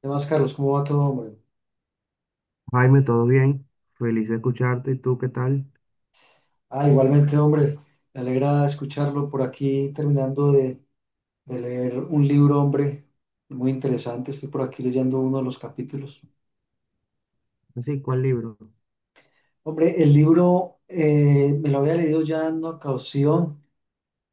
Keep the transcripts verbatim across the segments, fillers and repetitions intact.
¿Qué más, Carlos? ¿Cómo va todo, hombre? Jaime, ¿todo bien? Feliz de escucharte. ¿Y tú qué tal? Ah, igualmente, hombre, me alegra escucharlo. Por aquí terminando de, de leer un libro, hombre, muy interesante. Estoy por aquí leyendo uno de los capítulos. Así, ¿cuál libro? Hombre, el libro eh, me lo había leído ya en una ocasión.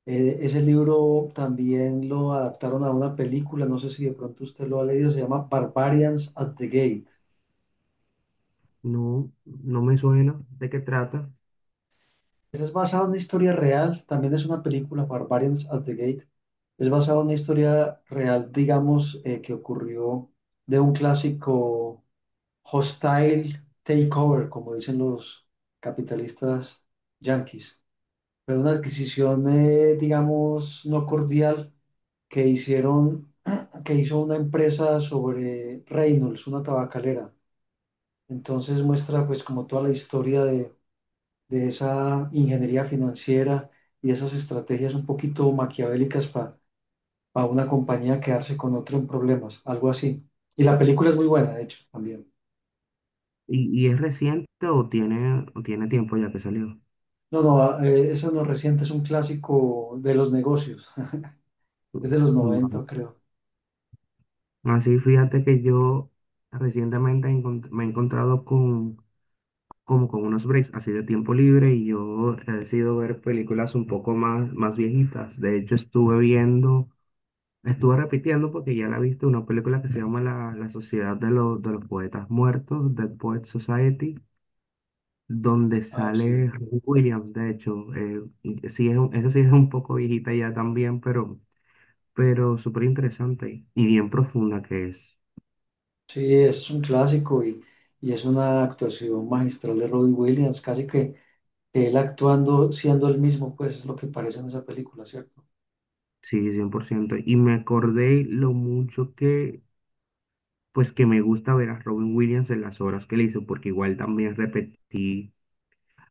Eh, ese libro también lo adaptaron a una película, no sé si de pronto usted lo ha leído, se llama Barbarians at the Gate. No, no me suena. ¿De qué trata? Es basado en una historia real, también es una película, Barbarians at the Gate. Es basado en una historia real, digamos, eh, que ocurrió de un clásico hostile takeover, como dicen los capitalistas yanquis. Pero una adquisición, eh, digamos, no cordial que hicieron, que hizo una empresa sobre Reynolds, una tabacalera. Entonces muestra pues como toda la historia de, de esa ingeniería financiera y esas estrategias un poquito maquiavélicas para a una compañía a quedarse con otra en problemas, algo así. Y la película es muy buena, de hecho, también. ¿Y, y es reciente o tiene, o tiene tiempo ya que salió? No, no, ah, eh, eso no es reciente, es un clásico de los negocios, es de los Vale. noventa creo. Así, fíjate que yo recientemente encont- me he encontrado con, como con unos breaks así de tiempo libre y yo he decidido ver películas un poco más, más viejitas. De hecho, estuve viendo. La estuve repitiendo porque ya la viste, una película que se llama La, La Sociedad de los, de los Poetas Muertos, Dead Poets Society, donde Ah, sale sí. Robin Williams, de hecho. Eh, y sí es, un- esa sí es un poco viejita ya también, pero, pero súper interesante y bien profunda que es. Sí, es un clásico y, y es una actuación magistral de Robbie Williams, casi que él actuando siendo el mismo, pues es lo que parece en esa película, ¿cierto? Sí, cien por ciento. Y me acordé lo mucho que, pues que me gusta ver a Robin Williams en las obras que le hizo, porque igual también repetí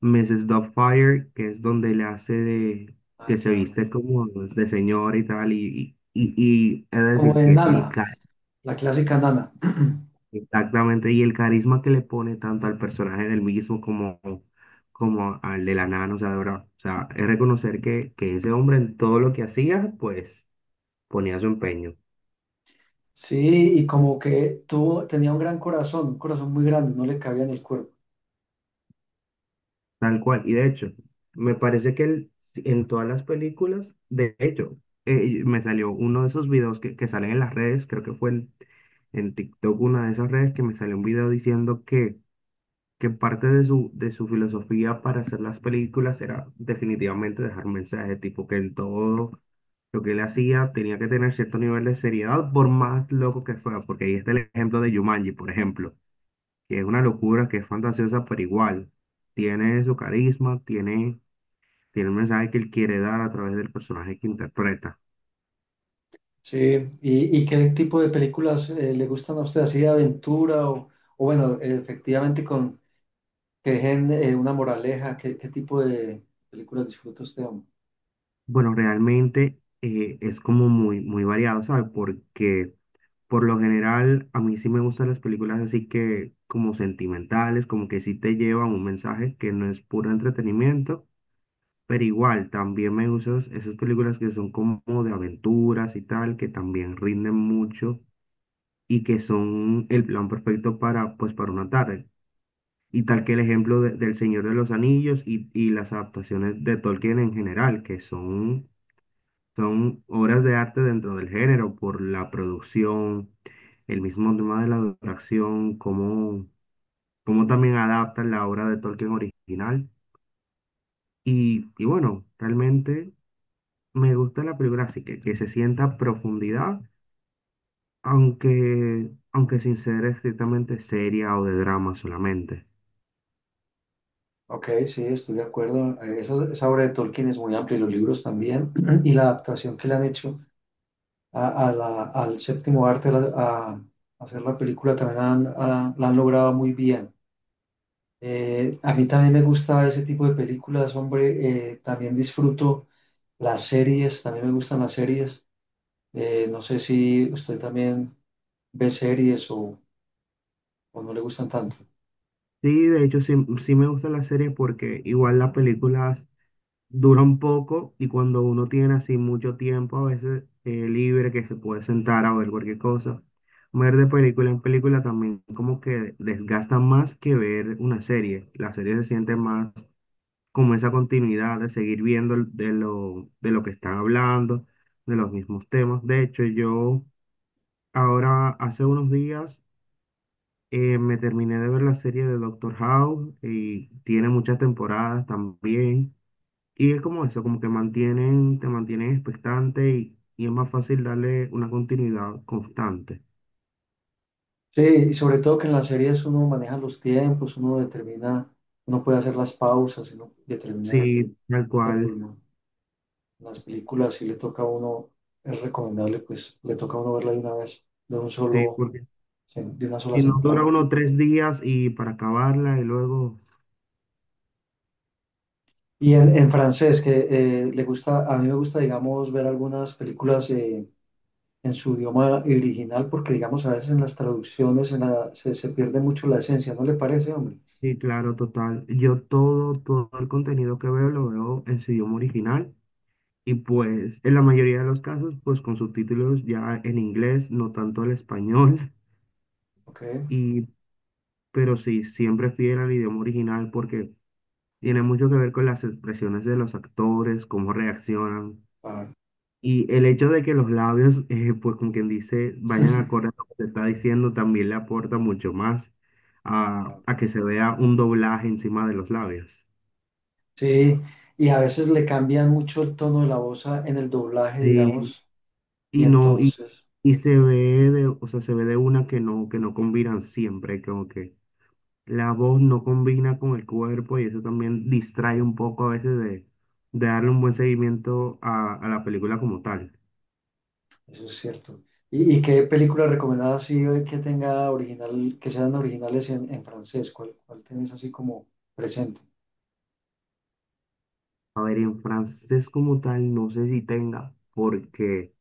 missus Doubtfire, que es donde le hace de Ah, que se claro. viste como de señor y tal, y, y, y y es Como decir, de que el Nana, ca- la clásica Nana. exactamente, y el carisma que le pone tanto al personaje del mismo como, como al de la nana, o sea, de verdad, o sea, es reconocer que, que ese hombre en todo lo que hacía, pues ponía su empeño. Sí, y como que tuvo, tenía un gran corazón, un corazón muy grande, no le cabía en el cuerpo. Tal cual. Y de hecho, me parece que él, en todas las películas, de hecho, eh, me salió uno de esos videos que, que salen en las redes, creo que fue en, en TikTok, una de esas redes, que me salió un video diciendo que, que parte de su, de su filosofía para hacer las películas era definitivamente dejar mensaje, tipo que en todo lo que él hacía tenía que tener cierto nivel de seriedad, por más loco que fuera, porque ahí está el ejemplo de Jumanji, por ejemplo, que es una locura, que es fantasiosa, pero igual tiene su carisma, tiene, tiene el mensaje que él quiere dar a través del personaje que interpreta. Sí, ¿y, y qué tipo de películas eh, le gustan a usted, así de aventura o, o bueno, eh, efectivamente con que dejen eh, una moraleja? ¿Qué, qué tipo de películas disfruta usted, hombre? Bueno, realmente eh, es como muy, muy variado, ¿sabes? Porque por lo general a mí sí me gustan las películas así que como sentimentales, como que sí te llevan un mensaje que no es puro entretenimiento. Pero igual, también me gustan esas películas que son como de aventuras y tal, que también rinden mucho y que son el plan perfecto para, pues, para una tarde. Y tal que el ejemplo de- del Señor de los Anillos y, y las adaptaciones de Tolkien en general, que son, son obras de arte dentro del género por la producción, el mismo tema de la duración, cómo, cómo también adaptan la obra de Tolkien original. Y, y bueno, realmente me gusta la película así, que, que se sienta profundidad, aunque, aunque sin ser estrictamente seria o de drama solamente. Ok, sí, estoy de acuerdo. Eh, Esa, esa obra de Tolkien es muy amplia, y los libros también, y la adaptación que le han hecho a, a la- al séptimo arte, la- a, hacer la película, también han- han- la han logrado muy bien. Eh, a mí también me gusta ese tipo de películas, hombre, eh, también disfruto. Las series, también me gustan las series. Eh, no sé si usted también ve series o, o no le gustan tanto. Sí, de hecho sí, sí me gusta las series porque igual las películas duran poco y cuando uno tiene así mucho tiempo a veces eh, libre que se puede sentar a ver cualquier cosa, ver de película en película también como que desgasta más que ver una serie. La serie se siente más como esa continuidad de seguir viendo el- de lo, de lo que están hablando, de los mismos temas. De hecho yo ahora hace unos días eh, me terminé de ver la serie de Doctor House y tiene muchas temporadas también. Y es como eso, como que mantienen, te mantienen expectante y, y es más fácil darle una continuidad constante. Sí, y sobre todo que en las series uno maneja los tiempos, uno determina, uno puede hacer las pausas, uno determina Sí, tal el cual. ritmo. En las películas, sí le toca a uno, es recomendable, pues le toca a uno verla de una vez, de un Sí, solo, porque sen- de una sola si no dura sentada. uno tres días y para acabarla y luego, Y en, en francés, que eh, le gusta, a mí me gusta, digamos, ver algunas películas eh, en su idioma original, porque digamos a veces en las traducciones en la- se, se pierde mucho la esencia, ¿no le parece, hombre? sí, claro, total. Yo todo, todo el contenido que veo lo veo en su idioma original y pues en la mayoría de los casos pues con subtítulos ya en inglés, no tanto el español. Ok, Y pero sí, siempre fiel al idioma original porque tiene mucho que ver con las expresiones de los actores, cómo reaccionan claro. y el hecho de que los labios, eh, pues como quien dice, vayan acorde a lo que se está diciendo, también le aporta mucho más a, a que se vea un doblaje encima de los labios. Sí, y a veces le cambian mucho el tono de la voz a- en el doblaje, Sí, digamos, y y no, y, entonces, y se ve de, o sea, se ve de una que no, que no combinan siempre, como que la voz no combina con el cuerpo y eso también distrae un poco a veces de, de darle un buen seguimiento a, a la película como tal. eso es cierto. ¿Y, y qué película recomendada así eh, que tenga original, que sean originales en, en francés? ¿Cuál, cuál tienes así como presente? A ver, en francés como tal no sé si tenga, porque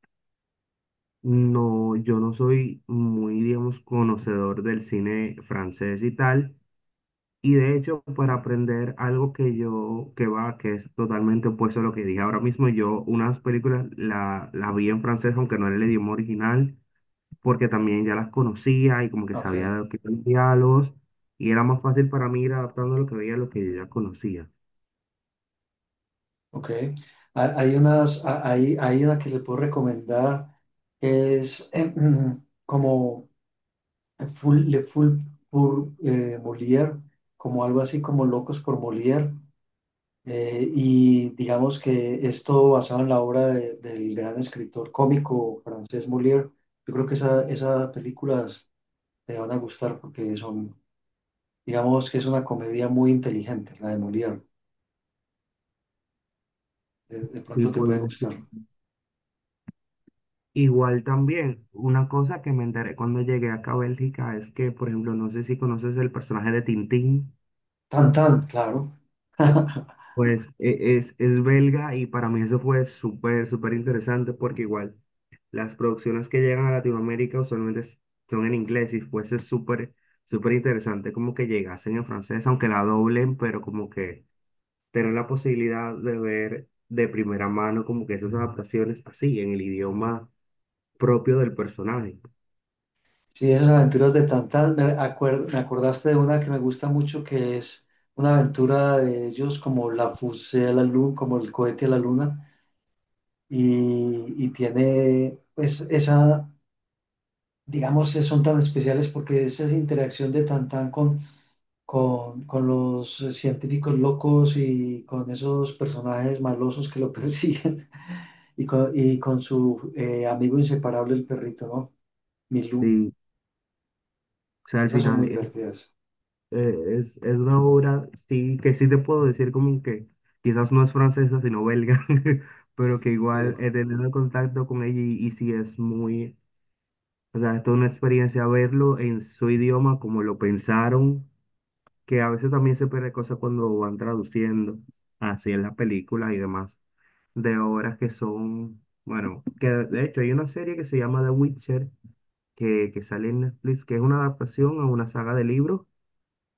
no, yo no soy muy, digamos, conocedor del cine francés y tal. Y de hecho, para aprender algo que yo, que va, que es totalmente opuesto a lo que dije ahora mismo, yo unas películas la, las vi en francés, aunque no era el idioma original, porque también ya las conocía y como que Ok. sabía de lo que eran los diálogos y era más fácil para mí ir adaptando lo que veía a lo que yo ya conocía Ok. Ha- Hay unas, ha- hay, hay una que le puedo recomendar que es eh, mm, como eh, full, Le Full pour eh, Molière, como algo así como Locos por Molière. Eh, y digamos que esto basado en la obra de- del gran escritor cómico francés Molière. Yo creo que esa, esas películas te van a gustar porque son, digamos que es una comedia muy inteligente, la de Molière. De, de y pronto te pude puede investigar. gustar. Igual también, una cosa que me enteré cuando llegué acá a Bélgica es que, por ejemplo, no sé si conoces el personaje de Tintín, Tan, tan, claro. pues e- es, es belga y para mí eso fue súper, súper interesante porque igual las producciones que llegan a Latinoamérica usualmente s- son en inglés y fuese súper, súper interesante como que llegasen en francés, aunque la doblen, pero como que tener la posibilidad de ver de primera mano como que esas adaptaciones así, en el idioma propio del personaje. Sí, esas aventuras de Tantán, me acuer- me acordaste de una que me gusta mucho, que es una aventura de ellos como la fusée a la luna, como el cohete a la luna, y, y tiene, pues, esa, digamos, eh, son tan especiales porque es esa interacción de Tantán con, con, con los eh, científicos locos y con esos personajes malosos que lo persiguen, y con, y con su eh, amigo inseparable, el perrito, ¿no? Milú. Sí, o sea, al Esas son final muy es, divertidas. eh, es, es una obra, sí, que sí te puedo decir como que quizás no es francesa, sino belga, pero que Sí, igual he tenido contacto con ella y, y sí es muy, o sea, es toda una experiencia verlo en su idioma, como lo pensaron, que a veces también se pierde cosas cuando van traduciendo así en las películas y demás. De obras que son, bueno, que de hecho hay una serie que se llama The Witcher, que, que sale en Netflix, que es una adaptación a una saga de libros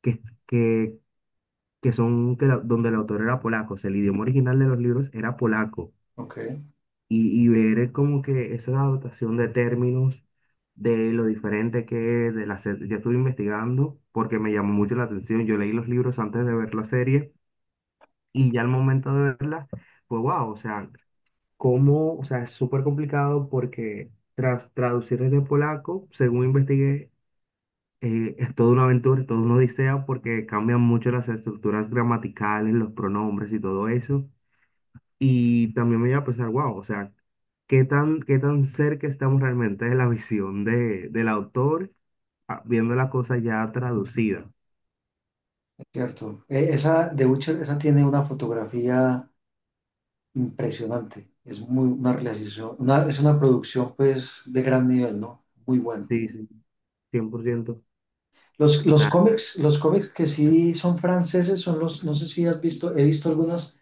que, que, que son, que la- donde el autor era polaco, o sea, el idioma original de los libros era polaco, ok. y, y ver como que esa adaptación de términos, de lo diferente que es, de la, se- ya estuve investigando, porque me llamó mucho la atención, yo leí los libros antes de ver la serie, y ya al momento de verla, pues wow, o sea... cómo, o sea, es súper complicado porque tras traducir desde polaco, según investigué, eh, es toda una aventura, es toda una odisea porque cambian mucho las estructuras gramaticales, los pronombres y todo eso. Y también me iba a pensar, wow, o sea, ¿qué tan, qué tan cerca estamos realmente de la visión de, del autor ah, viendo la cosa ya traducida? Cierto. Eh, esa, de Witcher, esa tiene una fotografía impresionante. Es muy una realización, una- es una producción pues de gran nivel, ¿no? Muy bueno. Sí, sí, Los, los cien por ciento. cómics, los cómics que sí son franceses son los, no sé si has visto, he visto algunas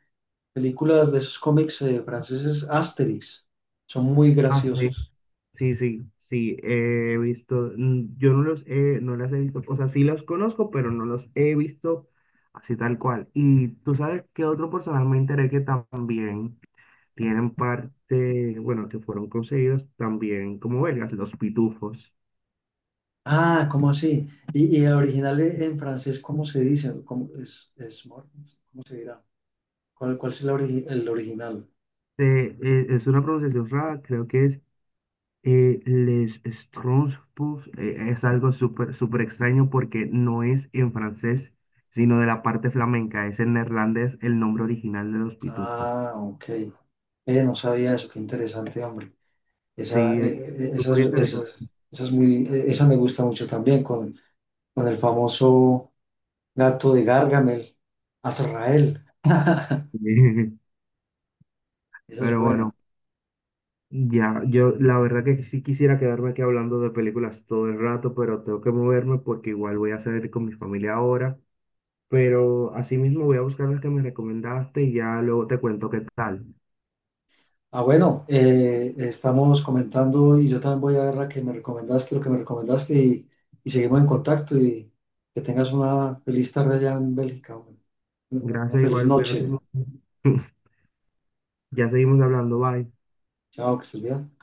películas de esos cómics eh, franceses, Asterix. Son muy Ah, sí. graciosos. Sí, sí, sí, he visto, mm, yo no los he, no las he visto, o sea, sí los conozco, pero no los he visto así tal cual. Y tú sabes que otro personaje me enteré que también tienen parte, bueno, que fueron conseguidos también como belgas, los pitufos. Ah, ¿cómo así? Y, y el original e- en francés, ¿cómo se dice? ¿Cómo es, es, mor- cómo se dirá? ¿Cuál, cuál es el, ori- el original? Eh, eh, es una pronunciación rara, creo que es eh, les Schtroumpfs, eh, es algo súper, súper extraño porque no es en francés, sino de la parte flamenca, es en neerlandés el nombre original de los pitufos. Ah, ok. Eh, no sabía eso, qué interesante, hombre. Esa, Sí, eh, es eh, eh, esas, súper interesante. esas, esas muy, eh, esa me gusta mucho también, con, con el famoso gato de Gargamel, Azrael. Esa es Pero buena. bueno, ya, yo la verdad que sí quisiera quedarme aquí hablando de películas todo el rato, pero tengo que moverme porque igual voy a salir con mi familia ahora. Pero asimismo voy a buscar las que me recomendaste y ya luego te cuento qué tal. Ah, bueno, eh, estamos comentando y yo también voy a ver la que me recomendaste, lo que me recomendaste, y, y seguimos en contacto, y que tengas una feliz tarde allá en Bélgica, hombre. Eh, Una Gracias, feliz igual, cuídate noche. mucho. Ya seguimos hablando, bye. Chao, que estés bien.